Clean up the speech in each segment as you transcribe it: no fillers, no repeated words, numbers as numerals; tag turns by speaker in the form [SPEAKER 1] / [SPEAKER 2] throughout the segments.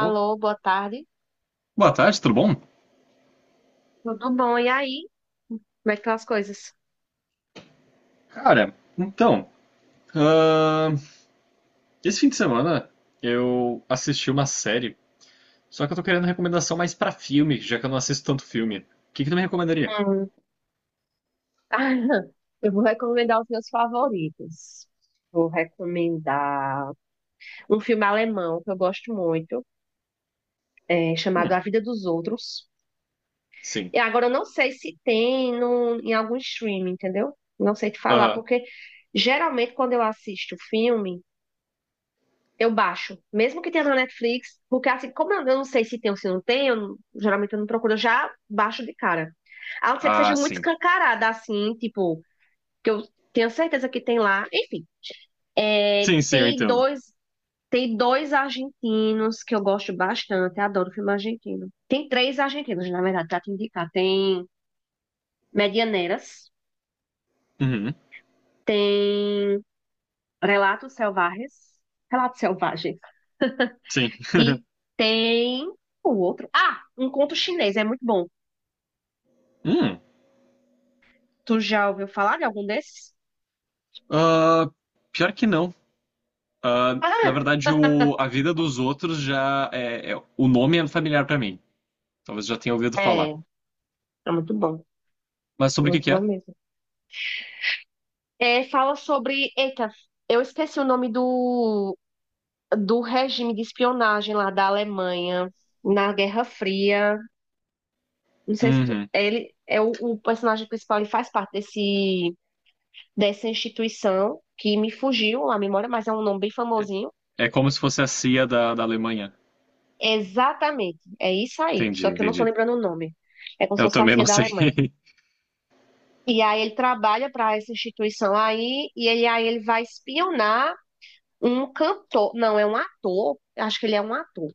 [SPEAKER 1] Oh,
[SPEAKER 2] boa tarde.
[SPEAKER 1] boa tarde, tudo bom?
[SPEAKER 2] Tudo bom? E aí? Como é que estão as coisas?
[SPEAKER 1] Cara, então, ahn, esse fim de semana eu assisti uma série, só que eu tô querendo recomendação mais pra filme, já que eu não assisto tanto filme. O que que tu me recomendaria?
[SPEAKER 2] Hum. Eu vou recomendar os meus favoritos. Vou recomendar um filme alemão que eu gosto muito, chamado
[SPEAKER 1] Hum,
[SPEAKER 2] A Vida dos Outros.
[SPEAKER 1] sim.
[SPEAKER 2] E agora eu não sei se tem no, em algum streaming, entendeu? Não sei te falar,
[SPEAKER 1] Aham.
[SPEAKER 2] porque geralmente quando eu assisto filme, eu baixo, mesmo que tenha na Netflix, porque assim, como eu não sei se tem ou se não tem, eu não- geralmente eu não procuro, eu já baixo de cara. A não ser que seja
[SPEAKER 1] Ah,
[SPEAKER 2] muito
[SPEAKER 1] sim.
[SPEAKER 2] escancarada, assim, tipo, que eu tenho certeza que tem lá. Enfim, é,
[SPEAKER 1] Sim, sim, eu
[SPEAKER 2] tem
[SPEAKER 1] entendo.
[SPEAKER 2] dois, tem dois argentinos que eu gosto bastante, eu adoro filme argentino. Tem três argentinos, na verdade, pra te indicar. Tem Medianeiras,
[SPEAKER 1] Uhum,
[SPEAKER 2] tem Relatos Selvagens, Relatos Selvagens.
[SPEAKER 1] sim.
[SPEAKER 2] E tem o outro. Ah, um conto chinês, é muito bom.
[SPEAKER 1] Hum,
[SPEAKER 2] Tu já ouviu falar de algum desses?
[SPEAKER 1] ah, pior que não. Ah, na
[SPEAKER 2] Ah,
[SPEAKER 1] verdade, A Vida dos Outros já é, o nome é familiar pra mim. Talvez já tenha ouvido
[SPEAKER 2] É,
[SPEAKER 1] falar.
[SPEAKER 2] é muito bom.
[SPEAKER 1] Mas sobre o que
[SPEAKER 2] Muito
[SPEAKER 1] que
[SPEAKER 2] bom
[SPEAKER 1] é?
[SPEAKER 2] mesmo. É, fala sobre. Eita, eu esqueci o nome do regime de espionagem lá da Alemanha na Guerra Fria. Não sei se
[SPEAKER 1] Uhum.
[SPEAKER 2] ele é o personagem principal, ele faz parte desse, dessa instituição que me fugiu a memória, mas é um nome bem famosinho.
[SPEAKER 1] É como se fosse a CIA da Alemanha.
[SPEAKER 2] Exatamente, é isso aí. Só
[SPEAKER 1] Entendi,
[SPEAKER 2] que eu não tô
[SPEAKER 1] entendi.
[SPEAKER 2] lembrando o nome. É como se
[SPEAKER 1] Eu
[SPEAKER 2] fosse a
[SPEAKER 1] também
[SPEAKER 2] CIA
[SPEAKER 1] não
[SPEAKER 2] da
[SPEAKER 1] sei.
[SPEAKER 2] Alemanha. E aí ele trabalha para essa instituição aí, aí ele vai espionar um cantor. Não, é um ator. Acho que ele é um ator.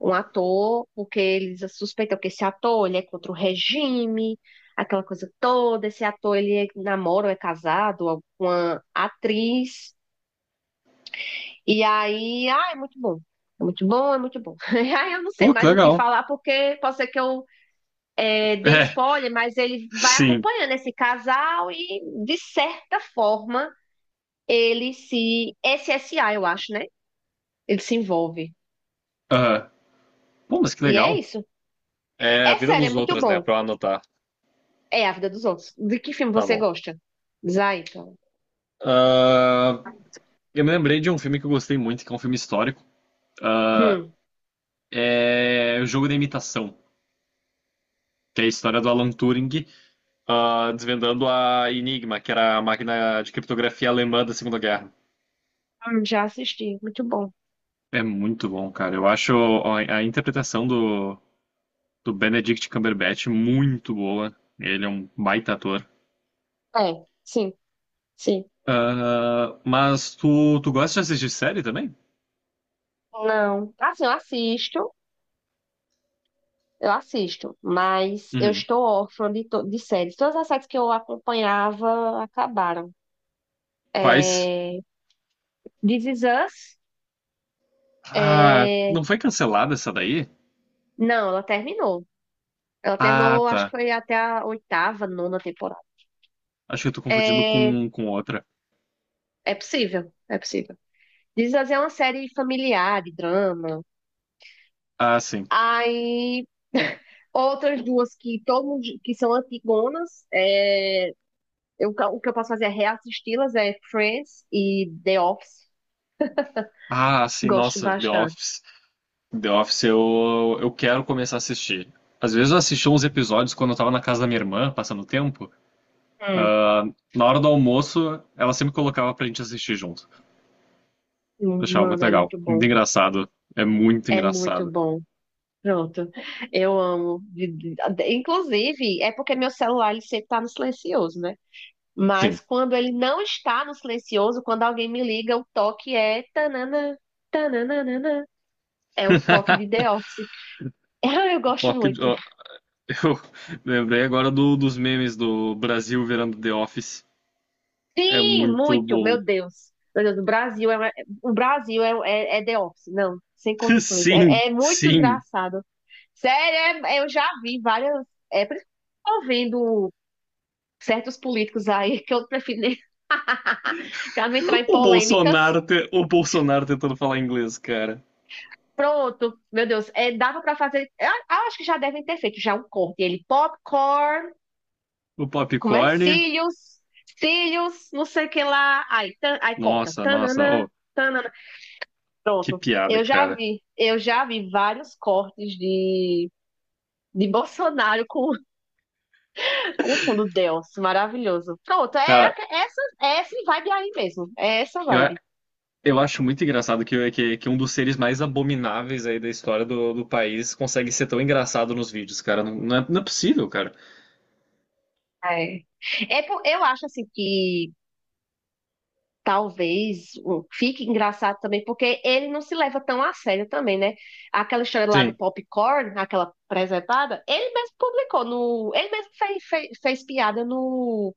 [SPEAKER 2] Um ator, porque eles suspeitam que esse ator ele é contra o regime, aquela coisa toda. Esse ator ele namora ou é casado com uma atriz. E aí, ah, é muito bom. É muito bom, é muito bom. Aí eu não sei
[SPEAKER 1] Pô, que
[SPEAKER 2] mais o que
[SPEAKER 1] legal.
[SPEAKER 2] falar, porque pode ser que eu dê
[SPEAKER 1] É,
[SPEAKER 2] spoiler, mas ele vai
[SPEAKER 1] sim.
[SPEAKER 2] acompanhando esse casal e, de certa forma, ele se. Esse S a, eu acho, né? Ele se envolve.
[SPEAKER 1] Ah, pô, mas que
[SPEAKER 2] E é
[SPEAKER 1] legal.
[SPEAKER 2] isso.
[SPEAKER 1] É a
[SPEAKER 2] É
[SPEAKER 1] vida
[SPEAKER 2] sério, é
[SPEAKER 1] dos
[SPEAKER 2] muito
[SPEAKER 1] outros, né?
[SPEAKER 2] bom.
[SPEAKER 1] Pra eu anotar.
[SPEAKER 2] É A Vida dos Outros. De que filme
[SPEAKER 1] Tá
[SPEAKER 2] você
[SPEAKER 1] bom.
[SPEAKER 2] gosta? Zaito.
[SPEAKER 1] Ah, eu me lembrei de um filme que eu gostei muito, que é um filme histórico. Ah,
[SPEAKER 2] Hum,
[SPEAKER 1] é O Jogo da Imitação, que é a história do Alan Turing, ah, desvendando a Enigma, que era a máquina de criptografia alemã da Segunda Guerra.
[SPEAKER 2] já assisti. Muito bom.
[SPEAKER 1] É muito bom, cara. Eu acho a interpretação do Benedict Cumberbatch muito boa. Ele é um baita ator.
[SPEAKER 2] É, sim, sim.
[SPEAKER 1] Ah, mas tu gosta de assistir série também?
[SPEAKER 2] Não. Assim, eu assisto. Eu assisto, mas eu
[SPEAKER 1] Uhum.
[SPEAKER 2] estou órfã de séries. Todas as séries que eu acompanhava acabaram.
[SPEAKER 1] Quais?
[SPEAKER 2] É... This Is Us,
[SPEAKER 1] Ah,
[SPEAKER 2] é,
[SPEAKER 1] não foi cancelada essa daí?
[SPEAKER 2] não, ela terminou. Ela
[SPEAKER 1] Ah,
[SPEAKER 2] terminou, acho que
[SPEAKER 1] tá.
[SPEAKER 2] foi até a oitava, nona temporada.
[SPEAKER 1] Acho que eu tô confundindo
[SPEAKER 2] É,
[SPEAKER 1] com outra.
[SPEAKER 2] é possível, é possível. Diz assim, é uma série familiar, de drama.
[SPEAKER 1] Ah, sim.
[SPEAKER 2] Aí, outras duas que todo mundo, que são antigonas, o que eu posso fazer é reassisti-las, é Friends e The Office.
[SPEAKER 1] Ah, sim,
[SPEAKER 2] Gosto
[SPEAKER 1] nossa, The
[SPEAKER 2] bastante.
[SPEAKER 1] Office. The Office eu quero começar a assistir. Às vezes eu assisti uns episódios quando eu tava na casa da minha irmã, passando o tempo.
[SPEAKER 2] Hum.
[SPEAKER 1] Ah, na hora do almoço, ela sempre colocava pra gente assistir junto. Eu achava muito
[SPEAKER 2] Mano, é
[SPEAKER 1] legal.
[SPEAKER 2] muito
[SPEAKER 1] Muito
[SPEAKER 2] bom.
[SPEAKER 1] engraçado. É muito
[SPEAKER 2] É muito
[SPEAKER 1] engraçado.
[SPEAKER 2] bom. Pronto. Eu amo. Inclusive, é porque meu celular ele sempre tá no silencioso, né? Mas
[SPEAKER 1] Sim.
[SPEAKER 2] quando ele não está no silencioso, quando alguém me liga, o toque é tananã, tananana. É os toques de The Office. Ah, eu gosto
[SPEAKER 1] Toque de-
[SPEAKER 2] muito.
[SPEAKER 1] Eu lembrei agora dos memes do Brasil virando The Office. É
[SPEAKER 2] Sim,
[SPEAKER 1] muito
[SPEAKER 2] muito,
[SPEAKER 1] bom.
[SPEAKER 2] meu Deus. Meu Deus, o Brasil é The Office, não, sem condições.
[SPEAKER 1] Sim,
[SPEAKER 2] É muito
[SPEAKER 1] sim.
[SPEAKER 2] engraçado. Sério, eu já vi várias. É, por isso que eu tô vendo certos políticos aí que eu prefiro nem para não entrar em polêmicas.
[SPEAKER 1] O Bolsonaro tentando falar inglês, cara.
[SPEAKER 2] Pronto, meu Deus, dava para fazer. Eu acho que já devem ter feito já um corte. Ele popcorn,
[SPEAKER 1] O
[SPEAKER 2] como é?
[SPEAKER 1] Popcorn.
[SPEAKER 2] Cílios, cílios, não sei o que lá. Aí, tan, aí corta.
[SPEAKER 1] Nossa, nossa.
[SPEAKER 2] Tanana,
[SPEAKER 1] Oh,
[SPEAKER 2] tanana.
[SPEAKER 1] que
[SPEAKER 2] Pronto.
[SPEAKER 1] piada,
[SPEAKER 2] Eu já
[SPEAKER 1] cara.
[SPEAKER 2] vi, eu já vi vários cortes de Bolsonaro com, com o fundo Deus, maravilhoso. Pronto, é
[SPEAKER 1] Cara,
[SPEAKER 2] aque- essa, é essa vibe aí mesmo, é essa
[SPEAKER 1] eu, a-
[SPEAKER 2] vibe.
[SPEAKER 1] eu acho muito engraçado que um dos seres mais abomináveis aí da história do país consegue ser tão engraçado nos vídeos, cara. Não, não é possível, cara.
[SPEAKER 2] É. É, eu acho assim que talvez um, fique engraçado também, porque ele não se leva tão a sério também, né? Aquela história lá do
[SPEAKER 1] Sim,
[SPEAKER 2] popcorn, aquela presentada, ele mesmo publicou no, ele mesmo fez piada no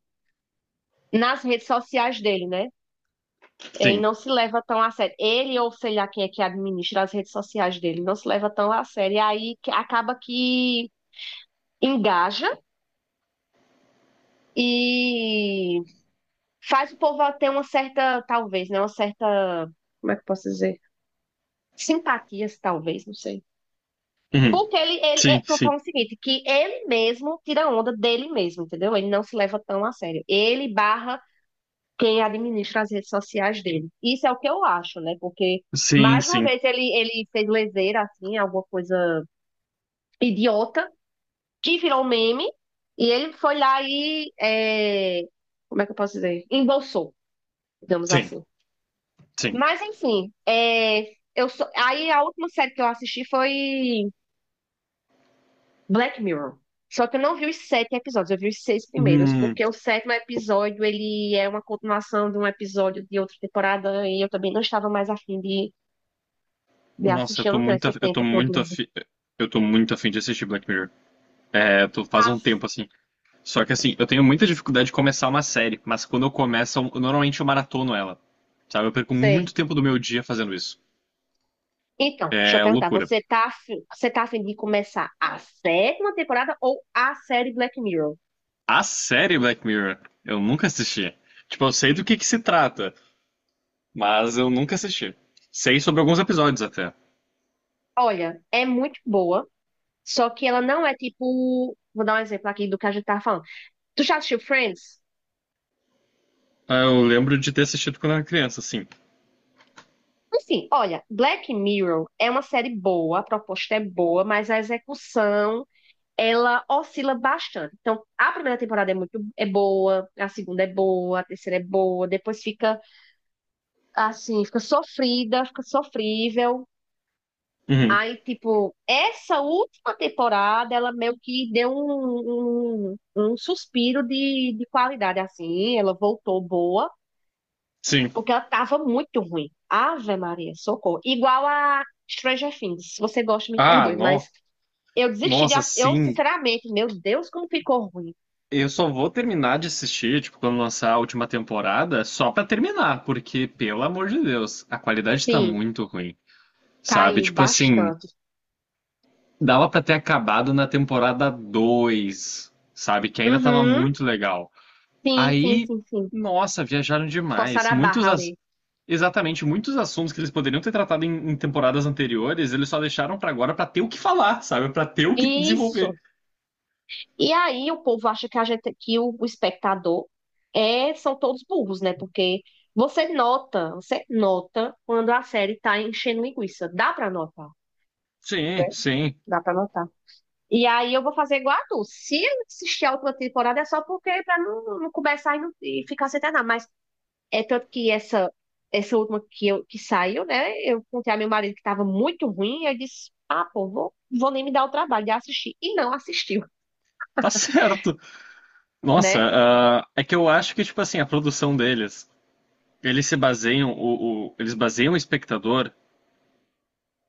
[SPEAKER 2] nas redes sociais dele, né? Ele
[SPEAKER 1] sim.
[SPEAKER 2] não se leva tão a sério. Ele ou sei lá quem é que administra as redes sociais dele, não se leva tão a sério. E aí acaba que engaja e faz o povo ter uma certa, talvez, né? Uma certa, como é que eu posso dizer? Simpatias, talvez, não sei.
[SPEAKER 1] Uhum.
[SPEAKER 2] Porque ele,
[SPEAKER 1] Sim,
[SPEAKER 2] tô
[SPEAKER 1] sim.
[SPEAKER 2] falando o seguinte, que ele mesmo tira onda dele mesmo, entendeu? Ele não se leva tão a sério. Ele barra quem administra as redes sociais dele. Isso é o que eu acho, né? Porque,
[SPEAKER 1] Sim,
[SPEAKER 2] mais uma
[SPEAKER 1] sim.
[SPEAKER 2] vez, ele fez leseira, assim, alguma coisa idiota, que virou meme, e ele foi lá e como é que eu posso dizer? Embolsou, digamos
[SPEAKER 1] Sim,
[SPEAKER 2] assim.
[SPEAKER 1] sim.
[SPEAKER 2] Mas, enfim, aí a última série que eu assisti foi Black Mirror. Só que eu não vi os sete episódios, eu vi os seis primeiros,
[SPEAKER 1] Hum.
[SPEAKER 2] porque o sétimo episódio ele é uma continuação de um episódio de outra temporada e eu também não estava mais afim de
[SPEAKER 1] Nossa,
[SPEAKER 2] assistir, eu não tenho esse
[SPEAKER 1] eu tô
[SPEAKER 2] tempo todo
[SPEAKER 1] muito
[SPEAKER 2] livre.
[SPEAKER 1] afim, eu tô muito afim de assistir Black Mirror. É, eu tô, faz
[SPEAKER 2] Ah,
[SPEAKER 1] um tempo assim. Só que assim, eu tenho muita dificuldade de começar uma série, mas quando eu começo, normalmente eu maratono ela. Sabe? Eu perco muito
[SPEAKER 2] sei.
[SPEAKER 1] tempo do meu dia fazendo isso.
[SPEAKER 2] Então, deixa eu
[SPEAKER 1] É
[SPEAKER 2] perguntar,
[SPEAKER 1] loucura.
[SPEAKER 2] você tá afim de começar a sétima temporada ou a série Black Mirror?
[SPEAKER 1] A série Black Mirror, eu nunca assisti. Tipo, eu sei do que se trata, mas eu nunca assisti. Sei sobre alguns episódios até.
[SPEAKER 2] Olha, é muito boa, só que ela não é tipo, vou dar um exemplo aqui do que a gente tava falando. Tu já assistiu Friends?
[SPEAKER 1] Ah, eu lembro de ter assistido quando eu era criança, sim.
[SPEAKER 2] Assim, olha, Black Mirror é uma série boa, a proposta é boa, mas a execução ela oscila bastante. Então, a primeira temporada é muito é boa, a segunda é boa, a terceira é boa, depois fica assim, fica sofrida, fica sofrível.
[SPEAKER 1] Uhum.
[SPEAKER 2] Aí, tipo, essa última temporada, ela meio que deu um suspiro de qualidade, assim, ela voltou boa.
[SPEAKER 1] Sim.
[SPEAKER 2] Porque ela tava muito ruim. Ave Maria, socorro. Igual a Stranger Things. Se você gosta, me
[SPEAKER 1] Ah,
[SPEAKER 2] perdoe,
[SPEAKER 1] no...
[SPEAKER 2] mas eu desisti de.
[SPEAKER 1] nossa, sim.
[SPEAKER 2] Sinceramente, meu Deus, como ficou ruim.
[SPEAKER 1] Eu só vou terminar de assistir, tipo, quando lançar a última temporada, só pra terminar, porque, pelo amor de Deus, a qualidade tá
[SPEAKER 2] Sim,
[SPEAKER 1] muito ruim, sabe?
[SPEAKER 2] caiu
[SPEAKER 1] Tipo assim,
[SPEAKER 2] bastante.
[SPEAKER 1] dava pra ter acabado na temporada 2, sabe? Que ainda tava
[SPEAKER 2] Uhum.
[SPEAKER 1] muito legal.
[SPEAKER 2] Sim, sim,
[SPEAKER 1] Aí,
[SPEAKER 2] sim, sim.
[SPEAKER 1] nossa, viajaram demais.
[SPEAKER 2] Forçaram a barra ali.
[SPEAKER 1] Exatamente, muitos assuntos que eles poderiam ter tratado em temporadas anteriores, eles só deixaram pra agora pra ter o que falar, sabe? Pra ter o que desenvolver.
[SPEAKER 2] Isso. E aí o povo acha que a gente, que o espectador são todos burros, né? Porque você nota quando a série tá enchendo linguiça. Dá pra notar.
[SPEAKER 1] Sim, sim,
[SPEAKER 2] Dá pra notar. E aí eu vou fazer igual a tu. Se eu assistir a última temporada é só porque para não, não começar e ficar sem terminar. Mas é tanto que essa última que saiu, né? Eu contei a meu marido que estava muito ruim, e eu disse: "Ah, pô, vou nem me dar o trabalho de assistir". E não assistiu,
[SPEAKER 1] tá certo. Nossa,
[SPEAKER 2] né?
[SPEAKER 1] ah, é que eu acho que, tipo assim, a produção deles, eles se baseiam, eles baseiam o espectador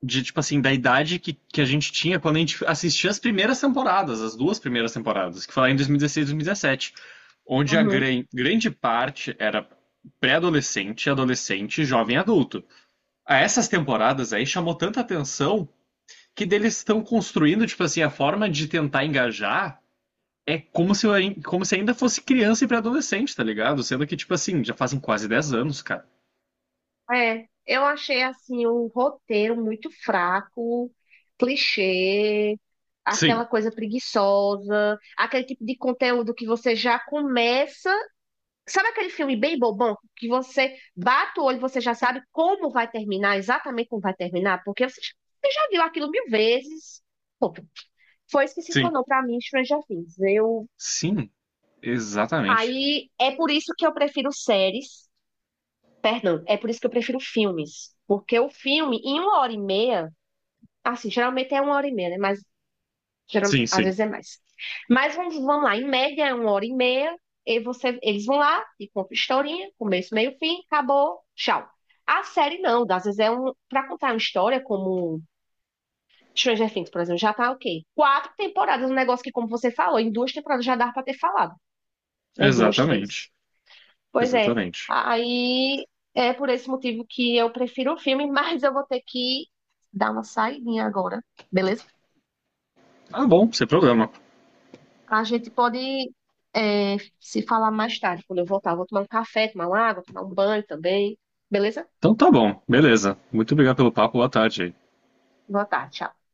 [SPEAKER 1] de, tipo assim, da idade que a gente tinha quando a gente assistia as primeiras temporadas, as duas primeiras temporadas, que foi lá em 2016 e 2017, onde a
[SPEAKER 2] Uhum.
[SPEAKER 1] grande parte era pré-adolescente, adolescente, jovem adulto. A essas temporadas aí chamou tanta atenção que eles estão construindo, tipo assim, a forma de tentar engajar é como se eu, como se ainda fosse criança e pré-adolescente, tá ligado? Sendo que, tipo assim, já fazem quase 10 anos, cara.
[SPEAKER 2] É, eu achei assim o roteiro muito fraco, clichê, aquela
[SPEAKER 1] Sim,
[SPEAKER 2] coisa preguiçosa, aquele tipo de conteúdo que você já começa sabe aquele filme bem bobão que você bate o olho, e você já sabe como vai terminar, exatamente como vai terminar, porque você já viu aquilo mil vezes. Pô, foi isso que se
[SPEAKER 1] sim.
[SPEAKER 2] tornou pra mim Stranger Things. Eu
[SPEAKER 1] Sim, exatamente.
[SPEAKER 2] aí é por isso que eu prefiro séries, perdão, é por isso que eu prefiro filmes, porque o filme em uma hora e meia, assim, geralmente é uma hora e meia, né? Mas
[SPEAKER 1] Sim,
[SPEAKER 2] Às
[SPEAKER 1] sim.
[SPEAKER 2] vezes é mais. Mas vamos lá, em média é uma hora e meia. E eles vão lá e contam historinha, começo, meio, fim, acabou, tchau. A série não, às vezes é um. Pra contar uma história como Stranger Things, por exemplo, já tá ok. Quatro temporadas, um negócio que, como você falou, em duas temporadas já dá pra ter falado, né? Duas, três.
[SPEAKER 1] Exatamente.
[SPEAKER 2] Pois é.
[SPEAKER 1] Exatamente.
[SPEAKER 2] Aí é por esse motivo que eu prefiro o filme, mas eu vou ter que dar uma saidinha agora, beleza?
[SPEAKER 1] Tá bom, sem problema.
[SPEAKER 2] A gente pode se falar mais tarde, quando eu voltar. Vou tomar um café, tomar uma água, tomar um banho também. Beleza?
[SPEAKER 1] Então tá bom, beleza. Muito obrigado pelo papo, boa tarde.
[SPEAKER 2] Boa tarde, tchau.